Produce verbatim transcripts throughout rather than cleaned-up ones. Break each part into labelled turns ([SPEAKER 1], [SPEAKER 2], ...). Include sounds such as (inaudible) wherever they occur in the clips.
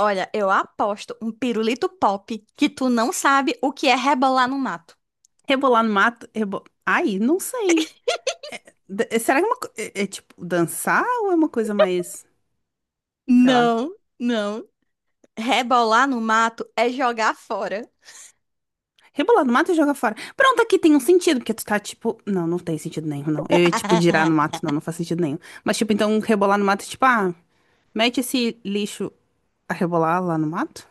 [SPEAKER 1] Olha, eu aposto um pirulito pop que tu não sabe o que é rebolar no mato.
[SPEAKER 2] Rebolar no mato? Rebo... Ai, não sei. É- D- eh, será que é, uma co- é- é tipo dançar ou é uma coisa mais, sei lá.
[SPEAKER 1] Não, não. Rebolar no mato é jogar fora.
[SPEAKER 2] Rebolar no mato e jogar fora. Pronto, aqui tem um sentido, porque tu tá tipo. Não, não tem sentido nenhum, não. Eu ia tipo girar no mato,
[SPEAKER 1] (laughs)
[SPEAKER 2] não, não faz sentido nenhum. Mas tipo, então rebolar no mato é tipo, ah, mete esse lixo a rebolar lá no mato?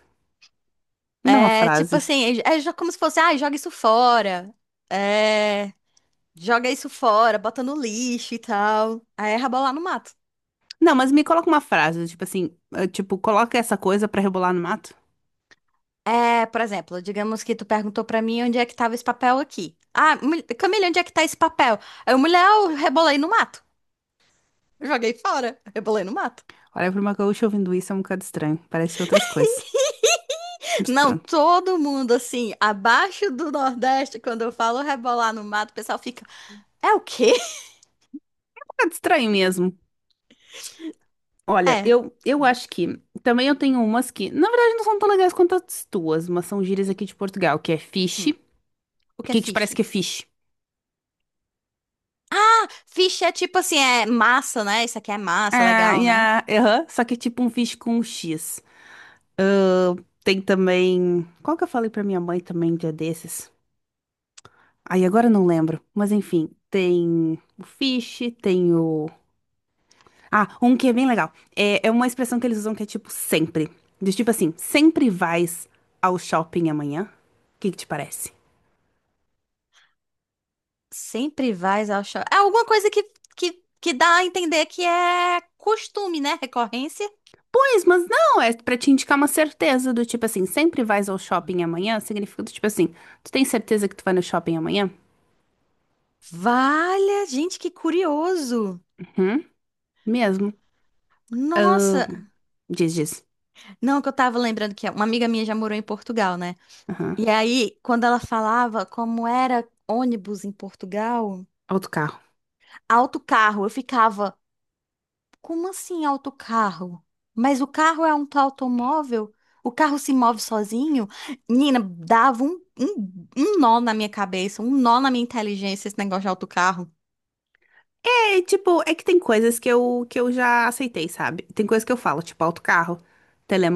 [SPEAKER 2] Não, é uma
[SPEAKER 1] É tipo
[SPEAKER 2] frase.
[SPEAKER 1] assim, é, é jo- como se fosse, ah, joga isso fora. É, joga isso fora, bota no lixo e tal. Aí é rebolar no mato.
[SPEAKER 2] Não, mas me coloca uma frase, tipo assim, eh, tipo, coloca essa coisa pra rebolar no mato.
[SPEAKER 1] É, por exemplo, digamos que tu perguntou pra mim onde é que tava esse papel aqui. Ah, mul- Camila, onde é que tá esse papel? Aí eu, mulher, eu rebolei no mato. Joguei fora, rebolei no mato.
[SPEAKER 2] Olha, pra uma gaúcha ouvindo isso é um bocado estranho. Parece outras coisas. Mas
[SPEAKER 1] Não,
[SPEAKER 2] pronto. Um
[SPEAKER 1] todo mundo assim, abaixo do Nordeste, quando eu falo rebolar no mato, o pessoal fica, é o quê?
[SPEAKER 2] bocado estranho mesmo. Olha,
[SPEAKER 1] É,
[SPEAKER 2] eu, eu acho que também eu tenho umas que, na verdade, não são tão legais quanto as tuas, mas são gírias aqui de Portugal, que é fish,
[SPEAKER 1] hum, o que é
[SPEAKER 2] que te parece
[SPEAKER 1] fish?
[SPEAKER 2] que é fish.
[SPEAKER 1] Ah, fish é tipo assim, é massa, né? Isso aqui é massa,
[SPEAKER 2] Ah,
[SPEAKER 1] legal,
[SPEAKER 2] e
[SPEAKER 1] né?
[SPEAKER 2] a- aham, só que é tipo um fish com um X. Ah, tem também. Qual que eu falei pra minha mãe também um dia desses? Aí agora eu não lembro, mas enfim, tem o fish, tem o. Ah, um que é bem legal. É, é uma expressão que eles usam que é tipo sempre. Do tipo assim, sempre vais ao shopping amanhã? O que que te parece?
[SPEAKER 1] Sempre vais ao shopping. É alguma coisa que, que, que dá a entender que é costume, né? Recorrência.
[SPEAKER 2] Pois, mas não, é pra te indicar uma certeza do tipo assim, sempre vais ao shopping amanhã, significa do tipo assim, tu tens certeza que tu vai no shopping amanhã?
[SPEAKER 1] Valha, gente, que curioso.
[SPEAKER 2] Uhum, mesmo. Ah,
[SPEAKER 1] Nossa,
[SPEAKER 2] diz, diz.
[SPEAKER 1] não, que eu tava lembrando que uma amiga minha já morou em Portugal, né?
[SPEAKER 2] Aham,
[SPEAKER 1] E aí, quando ela falava como era ônibus em Portugal,
[SPEAKER 2] autocarro.
[SPEAKER 1] autocarro, eu ficava, como assim autocarro? Mas o carro é um automóvel? O carro se move sozinho? Nina, dava um, um, um nó na minha cabeça, um nó na minha inteligência esse negócio de autocarro.
[SPEAKER 2] É, tipo, é que tem coisas que eu, que eu já aceitei, sabe? Tem coisas que eu falo, tipo autocarro,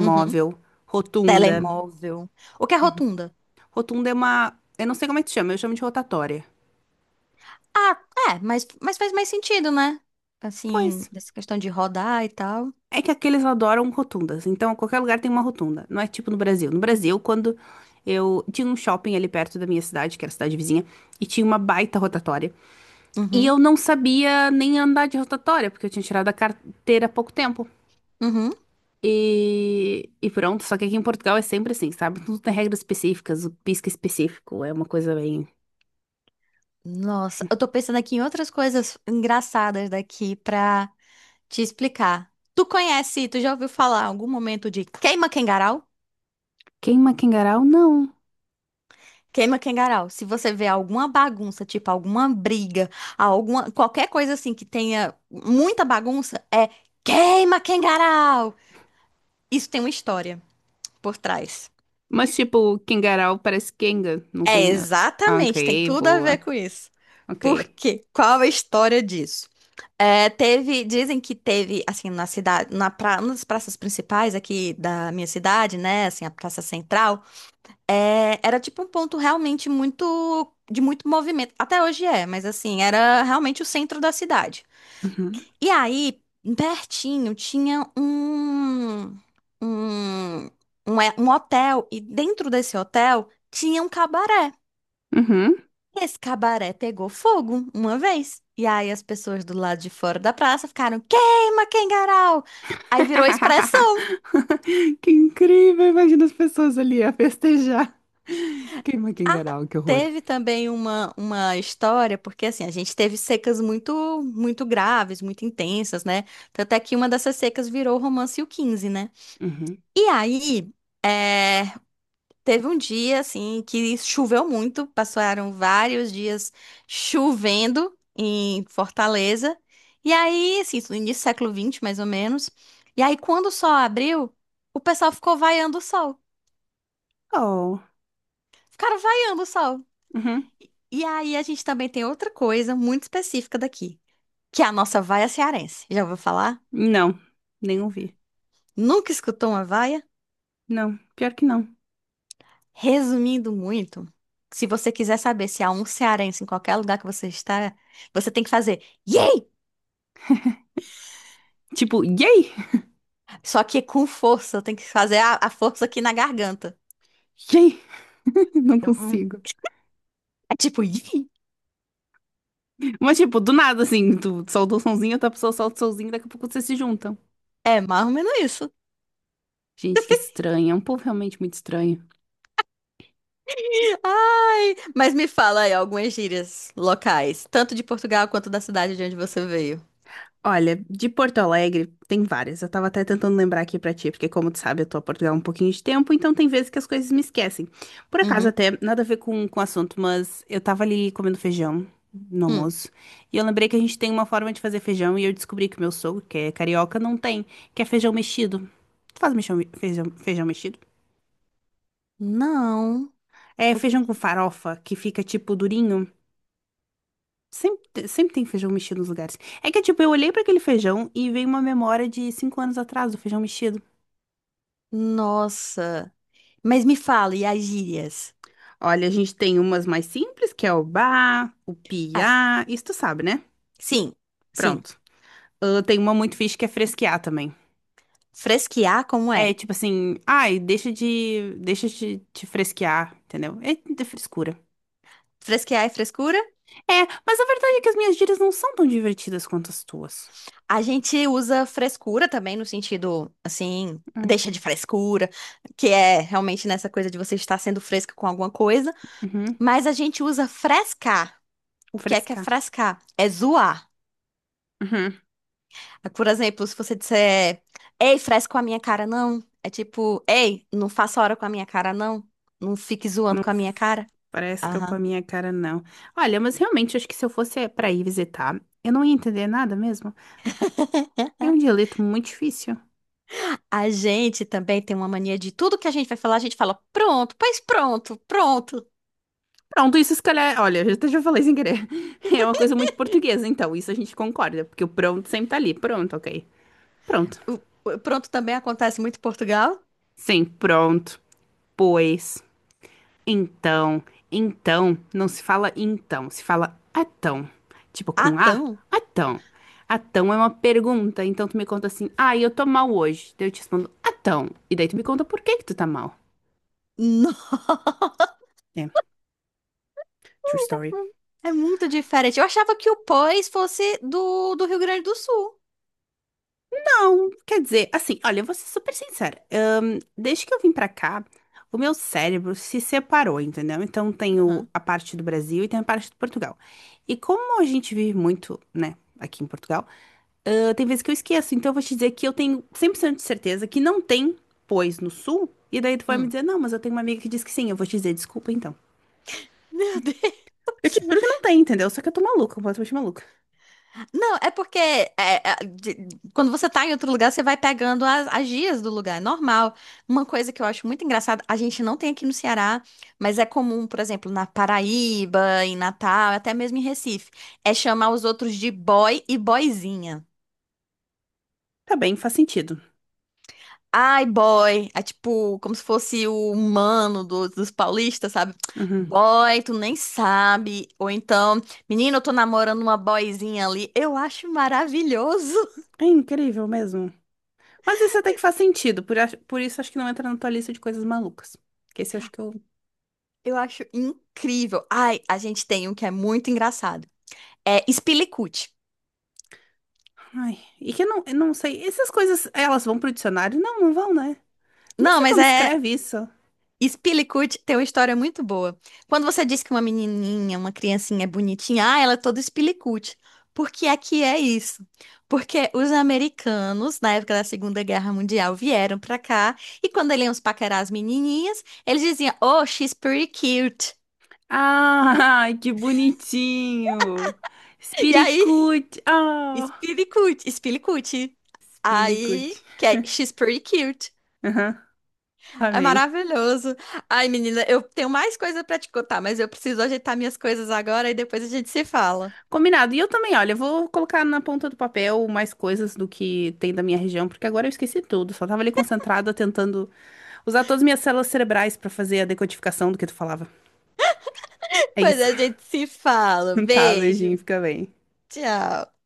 [SPEAKER 1] Uhum.
[SPEAKER 2] rotunda.
[SPEAKER 1] Telemóvel. O que é rotunda?
[SPEAKER 2] Rotunda é uma, eu não sei como é que se chama, eu chamo de rotatória.
[SPEAKER 1] Ah, é, mas, mas faz mais sentido, né? Assim,
[SPEAKER 2] Pois.
[SPEAKER 1] dessa questão de rodar e tal.
[SPEAKER 2] É que aqui eles adoram rotundas, então qualquer lugar tem uma rotunda. Não é tipo no Brasil. No Brasil, quando eu tinha um shopping ali perto da minha cidade, que era a cidade vizinha, e tinha uma baita rotatória. E
[SPEAKER 1] Uhum.
[SPEAKER 2] eu não sabia nem andar de rotatória, porque eu tinha tirado a carteira há pouco tempo.
[SPEAKER 1] Uhum.
[SPEAKER 2] E, e pronto, só que aqui em Portugal é sempre assim, sabe? Tudo tem regras específicas, o pisca específico é uma coisa bem.
[SPEAKER 1] Nossa, eu tô pensando aqui em outras coisas engraçadas daqui pra te explicar. Tu conhece, tu já ouviu falar em algum momento de queima Kengarau?
[SPEAKER 2] Queima Kengarau? Não.
[SPEAKER 1] Queima Kengarau. Se você vê alguma bagunça, tipo alguma briga, alguma qualquer coisa assim que tenha muita bagunça, é queima Kengarau. Isso tem uma história por trás.
[SPEAKER 2] Mas tipo, Kengarau parece Kenga, não
[SPEAKER 1] É,
[SPEAKER 2] tem a a anca
[SPEAKER 1] exatamente, tem
[SPEAKER 2] e
[SPEAKER 1] tudo a ver
[SPEAKER 2] voa.
[SPEAKER 1] com isso. Por
[SPEAKER 2] Ok.
[SPEAKER 1] quê? Qual a história disso? É, teve, dizem que teve, assim, na cidade, na pra, uma das praças principais aqui da minha cidade, né, assim, a praça central, é, era tipo um ponto realmente muito, de muito movimento, até hoje é, mas assim, era realmente o centro da cidade.
[SPEAKER 2] Uhum.
[SPEAKER 1] E aí, pertinho, tinha um, um, um, é, um hotel, e dentro desse hotel tinha um cabaré.
[SPEAKER 2] Uhum.
[SPEAKER 1] Esse cabaré pegou fogo uma vez. E aí as pessoas do lado de fora da praça ficaram: queima, Kengarau! Aí virou
[SPEAKER 2] (laughs)
[SPEAKER 1] expressão.
[SPEAKER 2] Que incrível! Imagina as pessoas ali a festejar. Queima
[SPEAKER 1] Ah,
[SPEAKER 2] Kingarau, que horror.
[SPEAKER 1] teve também uma, uma história, porque assim, a gente teve secas muito, muito graves, muito intensas, né? Tanto é que uma dessas secas virou o romance e o quinze, né?
[SPEAKER 2] Uhum.
[SPEAKER 1] E aí. É Teve um dia, assim, que choveu muito, passaram vários dias chovendo em Fortaleza. E aí, assim, isso no início do século vinte, mais ou menos. E aí, quando o sol abriu, o pessoal ficou vaiando o sol.
[SPEAKER 2] Oh.
[SPEAKER 1] Ficaram vaiando o sol.
[SPEAKER 2] Uhum.
[SPEAKER 1] E aí, a gente também tem outra coisa muito específica daqui, que é a nossa vaia cearense. Já ouviu falar?
[SPEAKER 2] Não, nem ouvi.
[SPEAKER 1] Nunca escutou uma vaia?
[SPEAKER 2] Não, pior que não.
[SPEAKER 1] Resumindo muito, se você quiser saber se há um cearense em qualquer lugar que você está, você tem que fazer. Yay!
[SPEAKER 2] Tipo, yay!
[SPEAKER 1] Só que com força, eu tenho que fazer a, a força aqui na garganta.
[SPEAKER 2] Yay! (laughs) Não
[SPEAKER 1] Hum,
[SPEAKER 2] consigo.
[SPEAKER 1] É tipo, (laughs) "ih".
[SPEAKER 2] Mas, tipo, do nada, assim, tu solta o sonzinho, outra pessoa solta o sonzinho, daqui a pouco vocês se juntam.
[SPEAKER 1] É mais ou menos isso.
[SPEAKER 2] Gente, que estranho. É um povo realmente muito estranho.
[SPEAKER 1] Ai, mas me fala aí algumas gírias locais, tanto de Portugal quanto da cidade de onde você veio.
[SPEAKER 2] Olha, de Porto Alegre tem várias. Eu tava até tentando lembrar aqui pra ti, porque como tu sabe, eu tô a Portugal há um pouquinho de tempo, então tem vezes que as coisas me esquecem. Por acaso
[SPEAKER 1] Uhum.
[SPEAKER 2] até nada a ver com com o assunto, mas eu tava ali comendo feijão no
[SPEAKER 1] Hum.
[SPEAKER 2] almoço, e eu lembrei que a gente tem uma forma de fazer feijão e eu descobri que o meu sogro, que é carioca, não tem, que é feijão mexido. Tu faz mexão- feijão, feijão mexido?
[SPEAKER 1] Não.
[SPEAKER 2] É feijão com farofa que fica tipo durinho. Sempre, te- sempre tem feijão mexido nos lugares. É que, tipo, eu olhei pra aquele feijão e veio uma memória de cinco anos atrás do feijão mexido.
[SPEAKER 1] Nossa. Mas me fala, e as gírias?
[SPEAKER 2] Olha, a gente tem umas mais simples, que é o ba, o
[SPEAKER 1] Ah, é.
[SPEAKER 2] piá, isso tu sabe, né?
[SPEAKER 1] Sim, sim.
[SPEAKER 2] Pronto. Ah, tem uma muito fixe que é fresquear também.
[SPEAKER 1] Fresquear, como
[SPEAKER 2] É
[SPEAKER 1] é?
[SPEAKER 2] tipo assim, ai, deixa de, deixa de te fresquear, entendeu? É de frescura.
[SPEAKER 1] Fresquear é frescura?
[SPEAKER 2] É, mas a verdade é que as minhas gírias não são tão divertidas quanto as tuas.
[SPEAKER 1] A gente usa frescura também, no sentido, assim,
[SPEAKER 2] Hum,
[SPEAKER 1] deixa de frescura, que é realmente nessa coisa de você estar sendo fresca com alguma coisa.
[SPEAKER 2] uhum,
[SPEAKER 1] Mas a gente usa frescar. O que é que é
[SPEAKER 2] frescar.
[SPEAKER 1] frescar? É zoar.
[SPEAKER 2] Uhum.
[SPEAKER 1] Por exemplo, se você disser, ei, fresco com a minha cara, não. É tipo, ei, não faça hora com a minha cara, não. Não fique zoando
[SPEAKER 2] Não
[SPEAKER 1] com a minha cara.
[SPEAKER 2] fresca com a
[SPEAKER 1] Aham.
[SPEAKER 2] minha cara, não. Olha, mas realmente, acho que se eu fosse pra ir visitar, eu não ia entender nada mesmo. É um dialeto muito difícil.
[SPEAKER 1] A gente também tem uma mania de tudo que a gente vai falar, a gente fala pronto, pois pronto, pronto.
[SPEAKER 2] Pronto, isso se calhar, olha, eu até já falei sem querer. (laughs) É uma coisa muito portuguesa, então, isso a gente concorda, porque o pronto sempre tá ali. Pronto, ok. Pronto.
[SPEAKER 1] O- o pronto também acontece muito em Portugal.
[SPEAKER 2] Sim, pronto. Pois, então, então, não se fala então, se fala atão. Tipo
[SPEAKER 1] Ah,
[SPEAKER 2] com A,
[SPEAKER 1] tão?
[SPEAKER 2] atão. Atão é uma pergunta, então tu me conta assim, ah, eu tô mal hoje. Daí eu te respondo, atão. E daí tu me conta por que que tu tá mal.
[SPEAKER 1] Não,
[SPEAKER 2] É, true story.
[SPEAKER 1] é muito diferente. Eu achava que o pois fosse do, do Rio Grande do Sul.
[SPEAKER 2] Não, quer dizer, assim, olha, eu vou ser super sincera. Ahn, desde que eu vim pra cá, o meu cérebro se separou, entendeu? Então tem o-
[SPEAKER 1] Aham.
[SPEAKER 2] a parte do Brasil e tem a parte de Portugal. E como a gente vive muito, né, aqui em Portugal, ah, tem vezes que eu esqueço. Então eu vou te dizer que eu tenho cem por cento de certeza que não tem pois no sul. E daí tu vai me
[SPEAKER 1] Hum.
[SPEAKER 2] dizer, não, mas eu tenho uma amiga que diz que sim. Eu vou te dizer, desculpa então.
[SPEAKER 1] Meu (laughs) Deus.
[SPEAKER 2] Eu te juro que não tem, entendeu? Só que eu tô maluca, completamente maluca.
[SPEAKER 1] Não, é porque é, é, de- quando você tá em outro lugar, você vai pegando as, as gírias do lugar, é normal. Uma coisa que eu acho muito engraçada, a gente não tem aqui no Ceará, mas é comum, por exemplo, na Paraíba, em Natal, até mesmo em Recife, é chamar os outros de boy e boyzinha.
[SPEAKER 2] Tá bem, faz sentido.
[SPEAKER 1] Ai, boy. É tipo, como se fosse o humano dos, dos paulistas, sabe?
[SPEAKER 2] Uhum.
[SPEAKER 1] Boy, tu nem sabe. Ou então, menino, eu tô namorando uma boyzinha ali. Eu acho maravilhoso. (laughs)
[SPEAKER 2] É incrível mesmo. Mas esse até que faz sentido, por, ach- por isso acho que não entra na tua lista de coisas malucas. Que esse eu acho que eu.
[SPEAKER 1] Eu acho incrível. Ai, a gente tem um que é muito engraçado. É Spilicute.
[SPEAKER 2] Ai. E que eu não, eu não sei. Essas coisas, elas vão pro dicionário? Não, não vão, né? Nem
[SPEAKER 1] Não,
[SPEAKER 2] sei
[SPEAKER 1] mas
[SPEAKER 2] como
[SPEAKER 1] é
[SPEAKER 2] escreve isso.
[SPEAKER 1] Spillicut, tem uma história muito boa. Quando você diz que uma menininha, uma criancinha é bonitinha, ah, ela é toda Spillicut. Porque aqui é que é isso. Porque os americanos, na época da Segunda Guerra Mundial, vieram pra cá e quando eles iam paquerar as menininhas, eles diziam, oh, she's pretty cute.
[SPEAKER 2] Ah, (laughs) que bonitinho!
[SPEAKER 1] E aí,
[SPEAKER 2] Espiricute! Ah!
[SPEAKER 1] Spillicut, Spillicut. Aí,
[SPEAKER 2] Espiricute.
[SPEAKER 1] que é she's pretty cute.
[SPEAKER 2] Aham,
[SPEAKER 1] É
[SPEAKER 2] amei.
[SPEAKER 1] maravilhoso. Ai, menina, eu tenho mais coisa pra te contar, mas eu preciso ajeitar minhas coisas agora e depois a gente se fala.
[SPEAKER 2] Combinado. E eu também, olha, eu vou colocar na ponta do papel mais coisas do que tem da minha região, porque agora eu esqueci tudo. Só tava ali concentrada tentando usar todas as minhas células cerebrais pra fazer a decodificação do que tu falava. É
[SPEAKER 1] Mas
[SPEAKER 2] isso.
[SPEAKER 1] a gente se fala.
[SPEAKER 2] (laughs) Tá, beijinho,
[SPEAKER 1] Beijo.
[SPEAKER 2] fica bem.
[SPEAKER 1] Tchau.